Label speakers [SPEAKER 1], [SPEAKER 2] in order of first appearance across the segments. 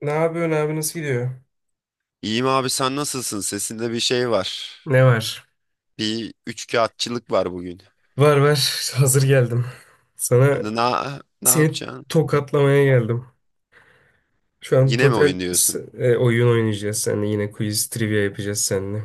[SPEAKER 1] Ne yapıyorsun abi nasıl gidiyor?
[SPEAKER 2] İyiyim abi, sen nasılsın? Sesinde bir şey var.
[SPEAKER 1] Ne var?
[SPEAKER 2] Bir üçkağıtçılık var bugün.
[SPEAKER 1] Var var. Hazır geldim. Sana
[SPEAKER 2] Hani ne, ne
[SPEAKER 1] seni
[SPEAKER 2] yapacaksın?
[SPEAKER 1] tokatlamaya geldim. Şu an
[SPEAKER 2] Yine mi oyun diyorsun?
[SPEAKER 1] oyun oynayacağız seninle. Yine quiz trivia yapacağız seninle.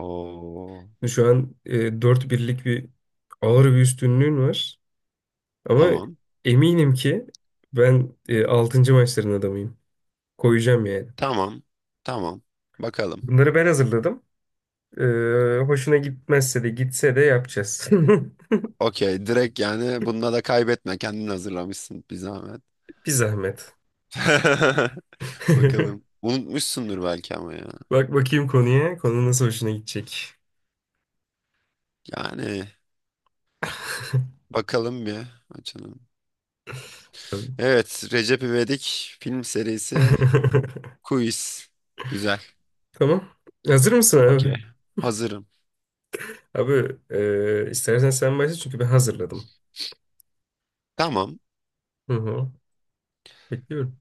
[SPEAKER 2] Oo,
[SPEAKER 1] Şu an 4-1'lik bir ağır bir üstünlüğün var. Ama
[SPEAKER 2] tamam.
[SPEAKER 1] eminim ki ben 6. maçların adamıyım. Koyacağım yani.
[SPEAKER 2] Tamam. Tamam. Bakalım.
[SPEAKER 1] Bunları ben hazırladım. E, Hoşuna gitmezse de gitse de yapacağız.
[SPEAKER 2] Okey, direkt yani bununla da kaybetme. Kendin hazırlamışsın bir zahmet.
[SPEAKER 1] Bir zahmet.
[SPEAKER 2] Bakalım. Unutmuşsundur belki ama ya.
[SPEAKER 1] Bak bakayım konuya. Konu nasıl hoşuna gidecek.
[SPEAKER 2] Yani bakalım bir açalım. Evet, Recep İvedik film serisi Quiz. Güzel.
[SPEAKER 1] Tamam. Hazır mısın abi?
[SPEAKER 2] Okey. Hazırım.
[SPEAKER 1] Abi istersen sen başla çünkü ben hazırladım.
[SPEAKER 2] Tamam.
[SPEAKER 1] Hı hı. Bekliyorum.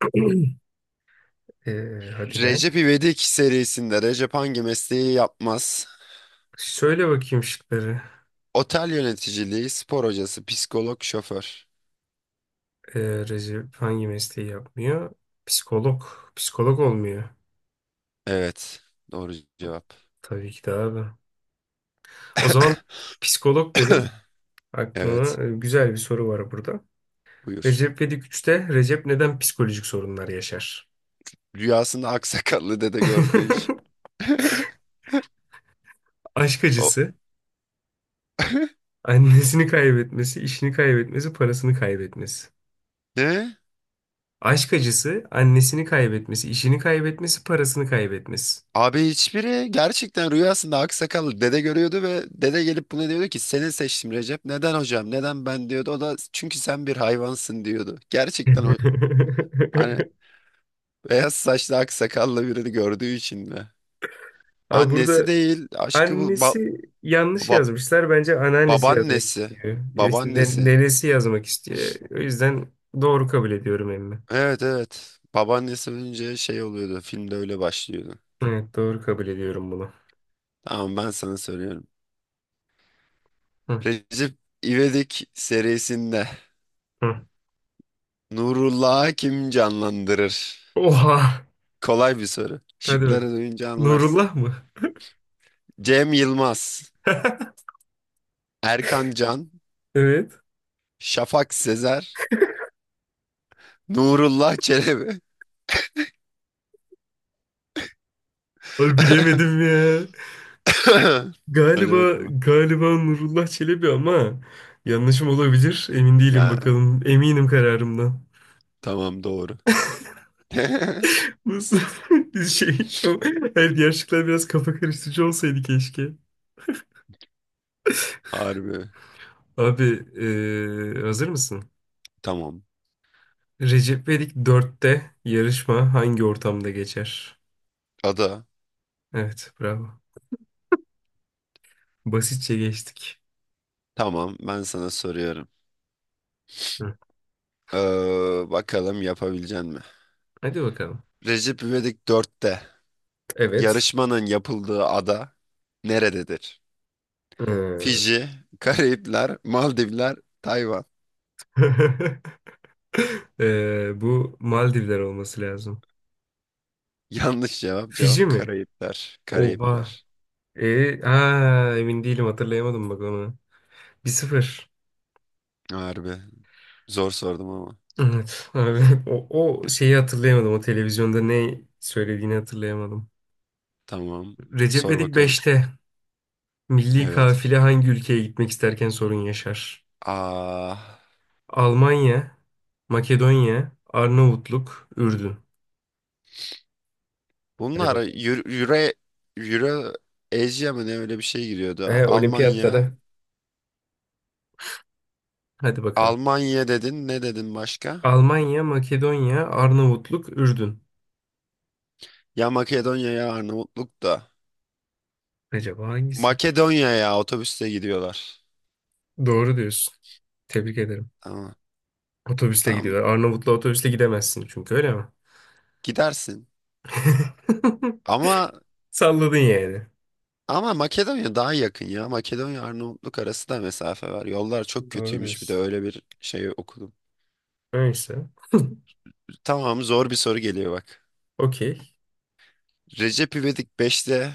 [SPEAKER 1] E, Hadi lan.
[SPEAKER 2] Recep İvedik serisinde Recep hangi mesleği yapmaz?
[SPEAKER 1] Söyle bakayım şıkları.
[SPEAKER 2] Otel yöneticiliği, spor hocası, psikolog, şoför.
[SPEAKER 1] E, Recep hangi mesleği yapmıyor? Psikolog. Psikolog olmuyor.
[SPEAKER 2] Evet, doğru cevap.
[SPEAKER 1] Tabii ki de abi. O zaman psikolog dedin.
[SPEAKER 2] Evet,
[SPEAKER 1] Aklıma güzel bir soru var burada.
[SPEAKER 2] buyur.
[SPEAKER 1] Recep İvedik 3'te Recep neden psikolojik sorunlar yaşar?
[SPEAKER 2] Rüyasında aksakallı dede gördüğü iş.
[SPEAKER 1] Aşk
[SPEAKER 2] O...
[SPEAKER 1] acısı, annesini kaybetmesi, işini kaybetmesi, parasını kaybetmesi.
[SPEAKER 2] Ne?
[SPEAKER 1] Aşk acısı, annesini kaybetmesi, işini kaybetmesi, parasını kaybetmesi.
[SPEAKER 2] Abi hiçbiri, gerçekten rüyasında aksakallı dede görüyordu ve dede gelip buna diyordu ki seni seçtim Recep. Neden hocam? Neden ben diyordu. O da çünkü sen bir hayvansın diyordu. Gerçekten o hani beyaz saçlı aksakallı birini gördüğü için mi?
[SPEAKER 1] Abi
[SPEAKER 2] Annesi
[SPEAKER 1] burada
[SPEAKER 2] değil, aşkı bu
[SPEAKER 1] annesi yanlış
[SPEAKER 2] ba-
[SPEAKER 1] yazmışlar. Bence anneannesi yazmak
[SPEAKER 2] babaannesi.
[SPEAKER 1] istiyor. Ya işte
[SPEAKER 2] Babaannesi.
[SPEAKER 1] nenesi yazmak istiyor. O yüzden doğru kabul ediyorum emmi.
[SPEAKER 2] Evet, evet. Babaannesi önce şey oluyordu. Filmde öyle başlıyordu.
[SPEAKER 1] Evet, doğru kabul ediyorum bunu.
[SPEAKER 2] Tamam, ben sana söylüyorum.
[SPEAKER 1] Hı,
[SPEAKER 2] Recep İvedik serisinde
[SPEAKER 1] hı.
[SPEAKER 2] Nurullah Hakim canlandırır?
[SPEAKER 1] Oha!
[SPEAKER 2] Kolay bir soru.
[SPEAKER 1] Hadi bak.
[SPEAKER 2] Şıkları duyunca anlarsın.
[SPEAKER 1] Nurullah mı?
[SPEAKER 2] Cem Yılmaz, Erkan Can,
[SPEAKER 1] Evet.
[SPEAKER 2] Şafak Sezer, Nurullah Çelebi.
[SPEAKER 1] Abi bilemedim ya.
[SPEAKER 2] Hadi
[SPEAKER 1] Galiba
[SPEAKER 2] bakalım.
[SPEAKER 1] galiba Nurullah Çelebi ama yanlışım olabilir. Emin değilim
[SPEAKER 2] Ya
[SPEAKER 1] bakalım. Eminim kararımdan.
[SPEAKER 2] tamam, doğru.
[SPEAKER 1] Nasıl bir şey şu her diğer şıklar biraz kafa karıştırıcı olsaydı keşke.
[SPEAKER 2] Harbi.
[SPEAKER 1] Abi hazır mısın?
[SPEAKER 2] Tamam.
[SPEAKER 1] Recep İvedik 4'te yarışma hangi ortamda geçer?
[SPEAKER 2] Ada.
[SPEAKER 1] Evet, bravo. Basitçe geçtik.
[SPEAKER 2] Tamam. Ben sana soruyorum.
[SPEAKER 1] Hı.
[SPEAKER 2] Bakalım yapabilecek mi?
[SPEAKER 1] Hadi bakalım.
[SPEAKER 2] Recep İvedik 4'te
[SPEAKER 1] Evet.
[SPEAKER 2] yarışmanın yapıldığı ada nerededir?
[SPEAKER 1] Hı.
[SPEAKER 2] Fiji, Karayipler, Maldivler, Tayvan.
[SPEAKER 1] Bu Maldivler olması lazım.
[SPEAKER 2] Yanlış cevap.
[SPEAKER 1] Fiji
[SPEAKER 2] Cevap
[SPEAKER 1] mi?
[SPEAKER 2] Karayipler.
[SPEAKER 1] Oha.
[SPEAKER 2] Karayipler.
[SPEAKER 1] Emin değilim hatırlayamadım bak onu. Bir sıfır.
[SPEAKER 2] Harbi. Zor sordum ama.
[SPEAKER 1] Evet abi. O, o şeyi hatırlayamadım. O televizyonda ne söylediğini hatırlayamadım.
[SPEAKER 2] Tamam.
[SPEAKER 1] Recep
[SPEAKER 2] Sor
[SPEAKER 1] İvedik
[SPEAKER 2] bakalım.
[SPEAKER 1] 5'te milli
[SPEAKER 2] Evet.
[SPEAKER 1] kafile hangi ülkeye gitmek isterken sorun yaşar?
[SPEAKER 2] Aa,
[SPEAKER 1] Almanya, Makedonya, Arnavutluk, Ürdün. Hadi
[SPEAKER 2] bunlar
[SPEAKER 1] bakalım.
[SPEAKER 2] Euro, Euro, Euro Asia mı ne öyle bir şey giriyordu. Almanya,
[SPEAKER 1] Olimpiyatlara. Hadi bakalım.
[SPEAKER 2] Almanya dedin. Ne dedin başka?
[SPEAKER 1] Almanya, Makedonya, Arnavutluk, Ürdün.
[SPEAKER 2] Ya Makedonya ya Arnavutluk da.
[SPEAKER 1] Acaba hangisi?
[SPEAKER 2] Makedonya ya otobüste gidiyorlar.
[SPEAKER 1] Doğru diyorsun. Tebrik ederim.
[SPEAKER 2] Tamam.
[SPEAKER 1] Otobüsle
[SPEAKER 2] Tamam.
[SPEAKER 1] gidiyorlar. Arnavutlu otobüsle gidemezsin çünkü öyle mi?
[SPEAKER 2] Gidersin. Ama
[SPEAKER 1] Salladın yani.
[SPEAKER 2] ama Makedonya daha yakın ya. Makedonya Arnavutluk arası da mesafe var. Yollar çok
[SPEAKER 1] Doğru
[SPEAKER 2] kötüymüş, bir de
[SPEAKER 1] diyorsun.
[SPEAKER 2] öyle bir şey okudum.
[SPEAKER 1] Neyse.
[SPEAKER 2] Tamam, zor bir soru geliyor bak.
[SPEAKER 1] Okey.
[SPEAKER 2] Recep İvedik beşte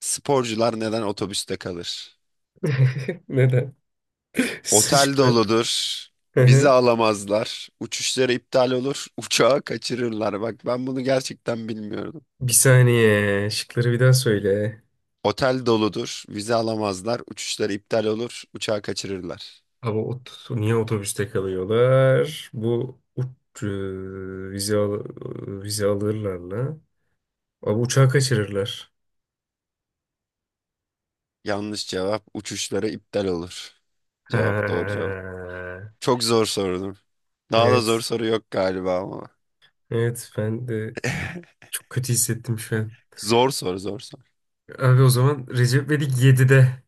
[SPEAKER 2] sporcular neden otobüste kalır?
[SPEAKER 1] Neden?
[SPEAKER 2] Otel
[SPEAKER 1] Şıklar.
[SPEAKER 2] doludur.
[SPEAKER 1] Hı
[SPEAKER 2] Vize
[SPEAKER 1] hı.
[SPEAKER 2] alamazlar. Uçuşları iptal olur. Uçağı kaçırırlar. Bak, ben bunu gerçekten bilmiyordum.
[SPEAKER 1] Bir saniye. Şıkları bir daha söyle.
[SPEAKER 2] Otel doludur. Vize alamazlar. Uçuşları iptal olur. Uçağı kaçırırlar.
[SPEAKER 1] Ama niye otobüste kalıyorlar? Bu vize, al vize alırlar mı? Ama uçağı kaçırırlar.
[SPEAKER 2] Yanlış cevap. Uçuşları iptal olur. Cevap doğru
[SPEAKER 1] Ha.
[SPEAKER 2] cevap. Çok zor sordum. Daha da zor
[SPEAKER 1] Evet.
[SPEAKER 2] soru yok galiba ama.
[SPEAKER 1] Evet ben de çok kötü hissettim şu an.
[SPEAKER 2] Zor soru, zor soru.
[SPEAKER 1] Abi o zaman Recep İvedik 7'de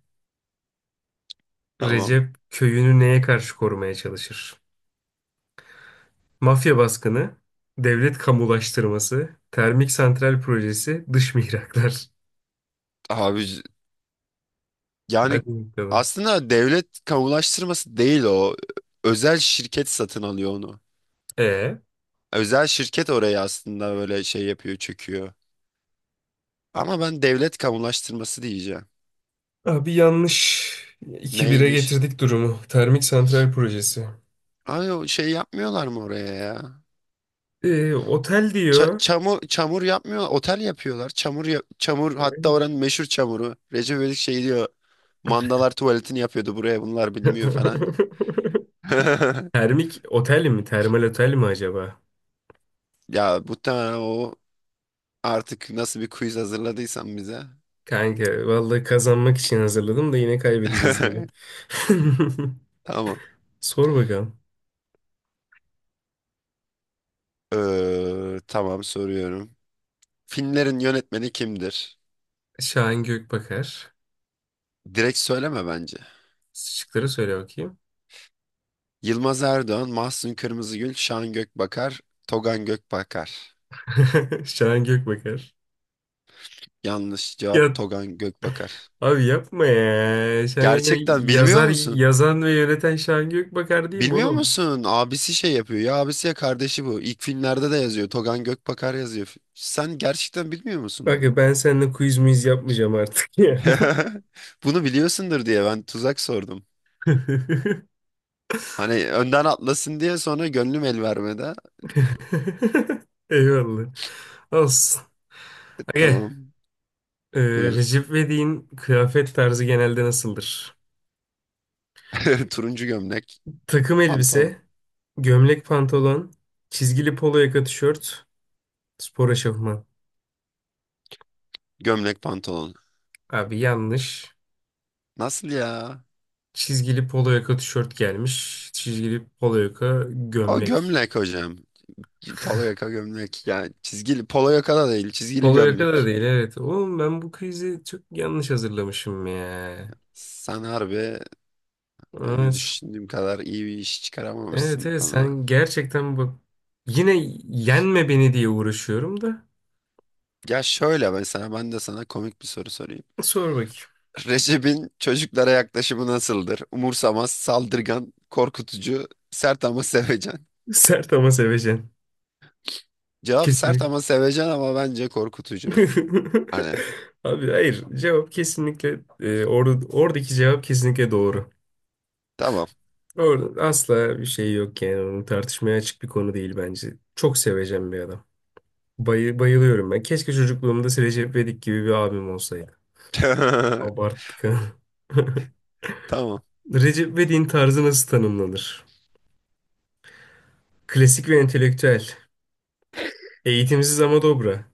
[SPEAKER 2] Tamam.
[SPEAKER 1] Recep köyünü neye karşı korumaya çalışır? Mafya baskını, devlet kamulaştırması, termik santral projesi, dış mihraklar.
[SPEAKER 2] Abi
[SPEAKER 1] Hadi
[SPEAKER 2] yani
[SPEAKER 1] bakalım.
[SPEAKER 2] aslında devlet kamulaştırması değil o. Özel şirket satın alıyor onu.
[SPEAKER 1] E
[SPEAKER 2] Özel şirket oraya aslında böyle şey yapıyor, çöküyor. Ama ben devlet kamulaştırması diyeceğim.
[SPEAKER 1] abi yanlış. İki bire
[SPEAKER 2] Neymiş?
[SPEAKER 1] getirdik durumu. Termik santral projesi.
[SPEAKER 2] Abi o şey yapmıyorlar mı oraya ya?
[SPEAKER 1] Otel diyor.
[SPEAKER 2] Çamur çamur yapmıyor, otel yapıyorlar. Çamur, hatta oranın meşhur çamuru. Recep İvedik şey diyor. Mandalar tuvaletini yapıyordu buraya, bunlar bilmiyor falan.
[SPEAKER 1] Termik otel mi? Termal otel mi acaba?
[SPEAKER 2] Ya muhtemelen o artık nasıl bir quiz hazırladıysan bize.
[SPEAKER 1] Kanka vallahi kazanmak için hazırladım da yine kaybedeceğiz gibi.
[SPEAKER 2] Tamam.
[SPEAKER 1] Sor bakalım.
[SPEAKER 2] Tamam, soruyorum. Filmlerin yönetmeni kimdir?
[SPEAKER 1] Şahin Gökbakar.
[SPEAKER 2] Direkt söyleme bence.
[SPEAKER 1] Şıkları söyle bakayım.
[SPEAKER 2] Yılmaz Erdoğan, Mahsun Kırmızıgül, Şan Gökbakar, Togan Gökbakar.
[SPEAKER 1] Şahin Gökbakar.
[SPEAKER 2] Yanlış cevap,
[SPEAKER 1] Ya
[SPEAKER 2] Togan Gökbakar.
[SPEAKER 1] abi yapma ya. Şahin Gökbakar
[SPEAKER 2] Gerçekten bilmiyor
[SPEAKER 1] yazar,
[SPEAKER 2] musun?
[SPEAKER 1] yazan ve yöneten Şahin Gökbakar değil mi
[SPEAKER 2] Bilmiyor
[SPEAKER 1] oğlum?
[SPEAKER 2] musun? Abisi şey yapıyor ya, abisi ya kardeşi bu. İlk filmlerde de yazıyor. Togan Gökbakar yazıyor. Sen gerçekten bilmiyor musun
[SPEAKER 1] Bak
[SPEAKER 2] bunu?
[SPEAKER 1] ya ben seninle quiz miz yapmayacağım artık ya.
[SPEAKER 2] Bunu biliyorsundur diye ben tuzak sordum. Hani önden atlasın diye, sonra gönlüm el vermedi.
[SPEAKER 1] Eyvallah. Olsun. Aga,
[SPEAKER 2] Tamam,
[SPEAKER 1] e,
[SPEAKER 2] buyur.
[SPEAKER 1] Recep İvedik'in kıyafet tarzı genelde nasıldır?
[SPEAKER 2] Turuncu gömlek
[SPEAKER 1] Takım
[SPEAKER 2] pantolon.
[SPEAKER 1] elbise, gömlek pantolon, çizgili polo yaka tişört, spor eşofman.
[SPEAKER 2] Gömlek pantolon.
[SPEAKER 1] Abi yanlış.
[SPEAKER 2] Nasıl ya?
[SPEAKER 1] Çizgili polo yaka tişört gelmiş. Çizgili polo yaka
[SPEAKER 2] O
[SPEAKER 1] gömlek.
[SPEAKER 2] gömlek hocam. Polo yaka gömlek. Yani çizgili polo yaka da değil, çizgili
[SPEAKER 1] Polo yaka da
[SPEAKER 2] gömlek.
[SPEAKER 1] değil evet. Oğlum ben bu krizi çok yanlış hazırlamışım ya.
[SPEAKER 2] Sen harbi yani
[SPEAKER 1] Evet.
[SPEAKER 2] düşündüğüm kadar iyi bir iş
[SPEAKER 1] Evet
[SPEAKER 2] çıkaramamışsın bu
[SPEAKER 1] evet
[SPEAKER 2] konuda.
[SPEAKER 1] sen gerçekten bak yine yenme beni diye uğraşıyorum da.
[SPEAKER 2] Ya şöyle mesela ben de sana komik bir soru sorayım.
[SPEAKER 1] Sor bakayım.
[SPEAKER 2] Recep'in çocuklara yaklaşımı nasıldır? Umursamaz, saldırgan, korkutucu, sert ama sevecen.
[SPEAKER 1] Sert ama seveceksin.
[SPEAKER 2] Cevap sert
[SPEAKER 1] Kesinlikle.
[SPEAKER 2] ama sevecen, ama bence korkutucu. Hani
[SPEAKER 1] Abi hayır cevap kesinlikle oradaki cevap kesinlikle doğru.
[SPEAKER 2] tamam.
[SPEAKER 1] Orada asla bir şey yok yani onun tartışmaya açık bir konu değil bence. Çok seveceğim bir adam. Bayılıyorum ben. Keşke çocukluğumda Recep İvedik gibi bir abim olsaydı. Abarttık ha.
[SPEAKER 2] Tamam.
[SPEAKER 1] Recep İvedik'in tarzı nasıl tanımlanır? Klasik ve entelektüel. Eğitimsiz ama dobra.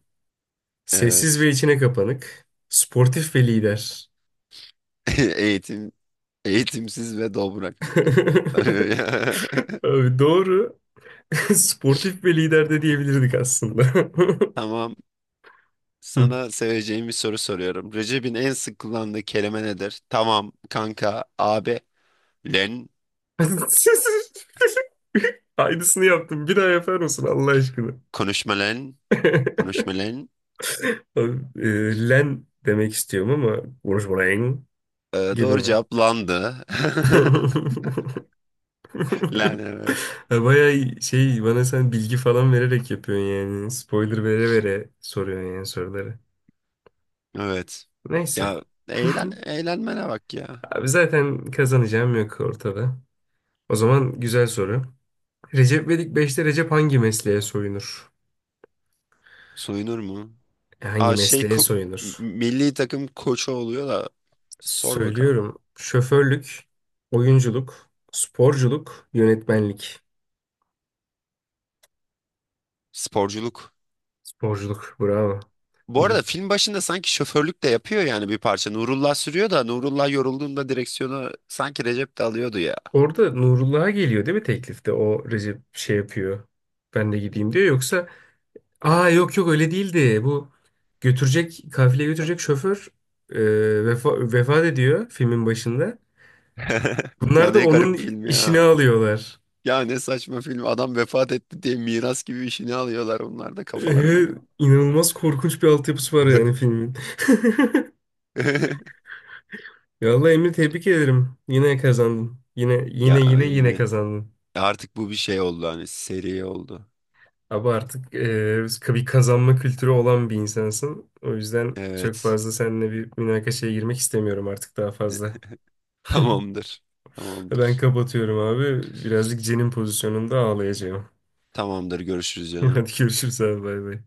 [SPEAKER 1] Sessiz
[SPEAKER 2] Evet.
[SPEAKER 1] ve içine kapanık. Sportif ve lider.
[SPEAKER 2] Eğitim Eğitimsiz ve dobra kanka.
[SPEAKER 1] Abi doğru. Sportif ve lider de diyebilirdik aslında.
[SPEAKER 2] Tamam.
[SPEAKER 1] Hı.
[SPEAKER 2] Sana seveceğim bir soru soruyorum. Recep'in en sık kullandığı kelime nedir? Tamam kanka, abi, len,
[SPEAKER 1] Aynısını yaptım. Bir daha yapar mısın Allah aşkına?
[SPEAKER 2] konuşma len, konuşma len.
[SPEAKER 1] Abi, len demek istiyorum ama Wolverine gibi
[SPEAKER 2] Doğru
[SPEAKER 1] mi?
[SPEAKER 2] cevap landı. Len, evet.
[SPEAKER 1] Ha, bayağı şey bana sen bilgi falan vererek yapıyorsun yani. Spoiler vere vere soruyorsun yani soruları.
[SPEAKER 2] Evet.
[SPEAKER 1] Neyse.
[SPEAKER 2] Ya eğlen, eğlenmene bak ya.
[SPEAKER 1] Abi zaten kazanacağım yok ortada. O zaman güzel soru. Recep İvedik beşte Recep hangi mesleğe soyunur?
[SPEAKER 2] Soyunur mu?
[SPEAKER 1] Hangi
[SPEAKER 2] Aa şey
[SPEAKER 1] mesleğe soyunur?
[SPEAKER 2] milli takım koçu oluyor da, sor bakalım.
[SPEAKER 1] Söylüyorum. Şoförlük, oyunculuk, sporculuk, yönetmenlik.
[SPEAKER 2] Sporculuk.
[SPEAKER 1] Sporculuk, bravo.
[SPEAKER 2] Bu arada
[SPEAKER 1] Milli-
[SPEAKER 2] film başında sanki şoförlük de yapıyor yani bir parça. Nurullah sürüyor da Nurullah yorulduğunda direksiyonu sanki Recep de alıyordu ya.
[SPEAKER 1] Orada Nurullah'a geliyor değil mi teklifte? O Recep şey yapıyor. Ben de gideyim diyor. Yoksa yok yok öyle değildi. Bu kafile götürecek şoför e, vefat ediyor filmin başında.
[SPEAKER 2] Ya
[SPEAKER 1] Bunlar da
[SPEAKER 2] ne garip
[SPEAKER 1] onun
[SPEAKER 2] film
[SPEAKER 1] işini
[SPEAKER 2] ya.
[SPEAKER 1] alıyorlar.
[SPEAKER 2] Ya ne saçma film. Adam vefat etti diye miras gibi işini alıyorlar onlar da kafalarına
[SPEAKER 1] Ee,
[SPEAKER 2] göre.
[SPEAKER 1] inanılmaz korkunç bir altyapısı var yani filmin. Ya vallahi Emre, tebrik ederim. Yine kazandın. Yine yine
[SPEAKER 2] Ya
[SPEAKER 1] yine yine
[SPEAKER 2] emmi.
[SPEAKER 1] kazandın.
[SPEAKER 2] Artık bu bir şey oldu, hani seri oldu.
[SPEAKER 1] Abi artık bir kazanma kültürü olan bir insansın. O yüzden çok
[SPEAKER 2] Evet.
[SPEAKER 1] fazla seninle bir münakaşaya girmek istemiyorum artık daha fazla.
[SPEAKER 2] Tamamdır.
[SPEAKER 1] Ben
[SPEAKER 2] Tamamdır.
[SPEAKER 1] kapatıyorum abi. Birazcık cenin pozisyonunda ağlayacağım.
[SPEAKER 2] Tamamdır. Görüşürüz canım.
[SPEAKER 1] Hadi görüşürüz abi, bay bay.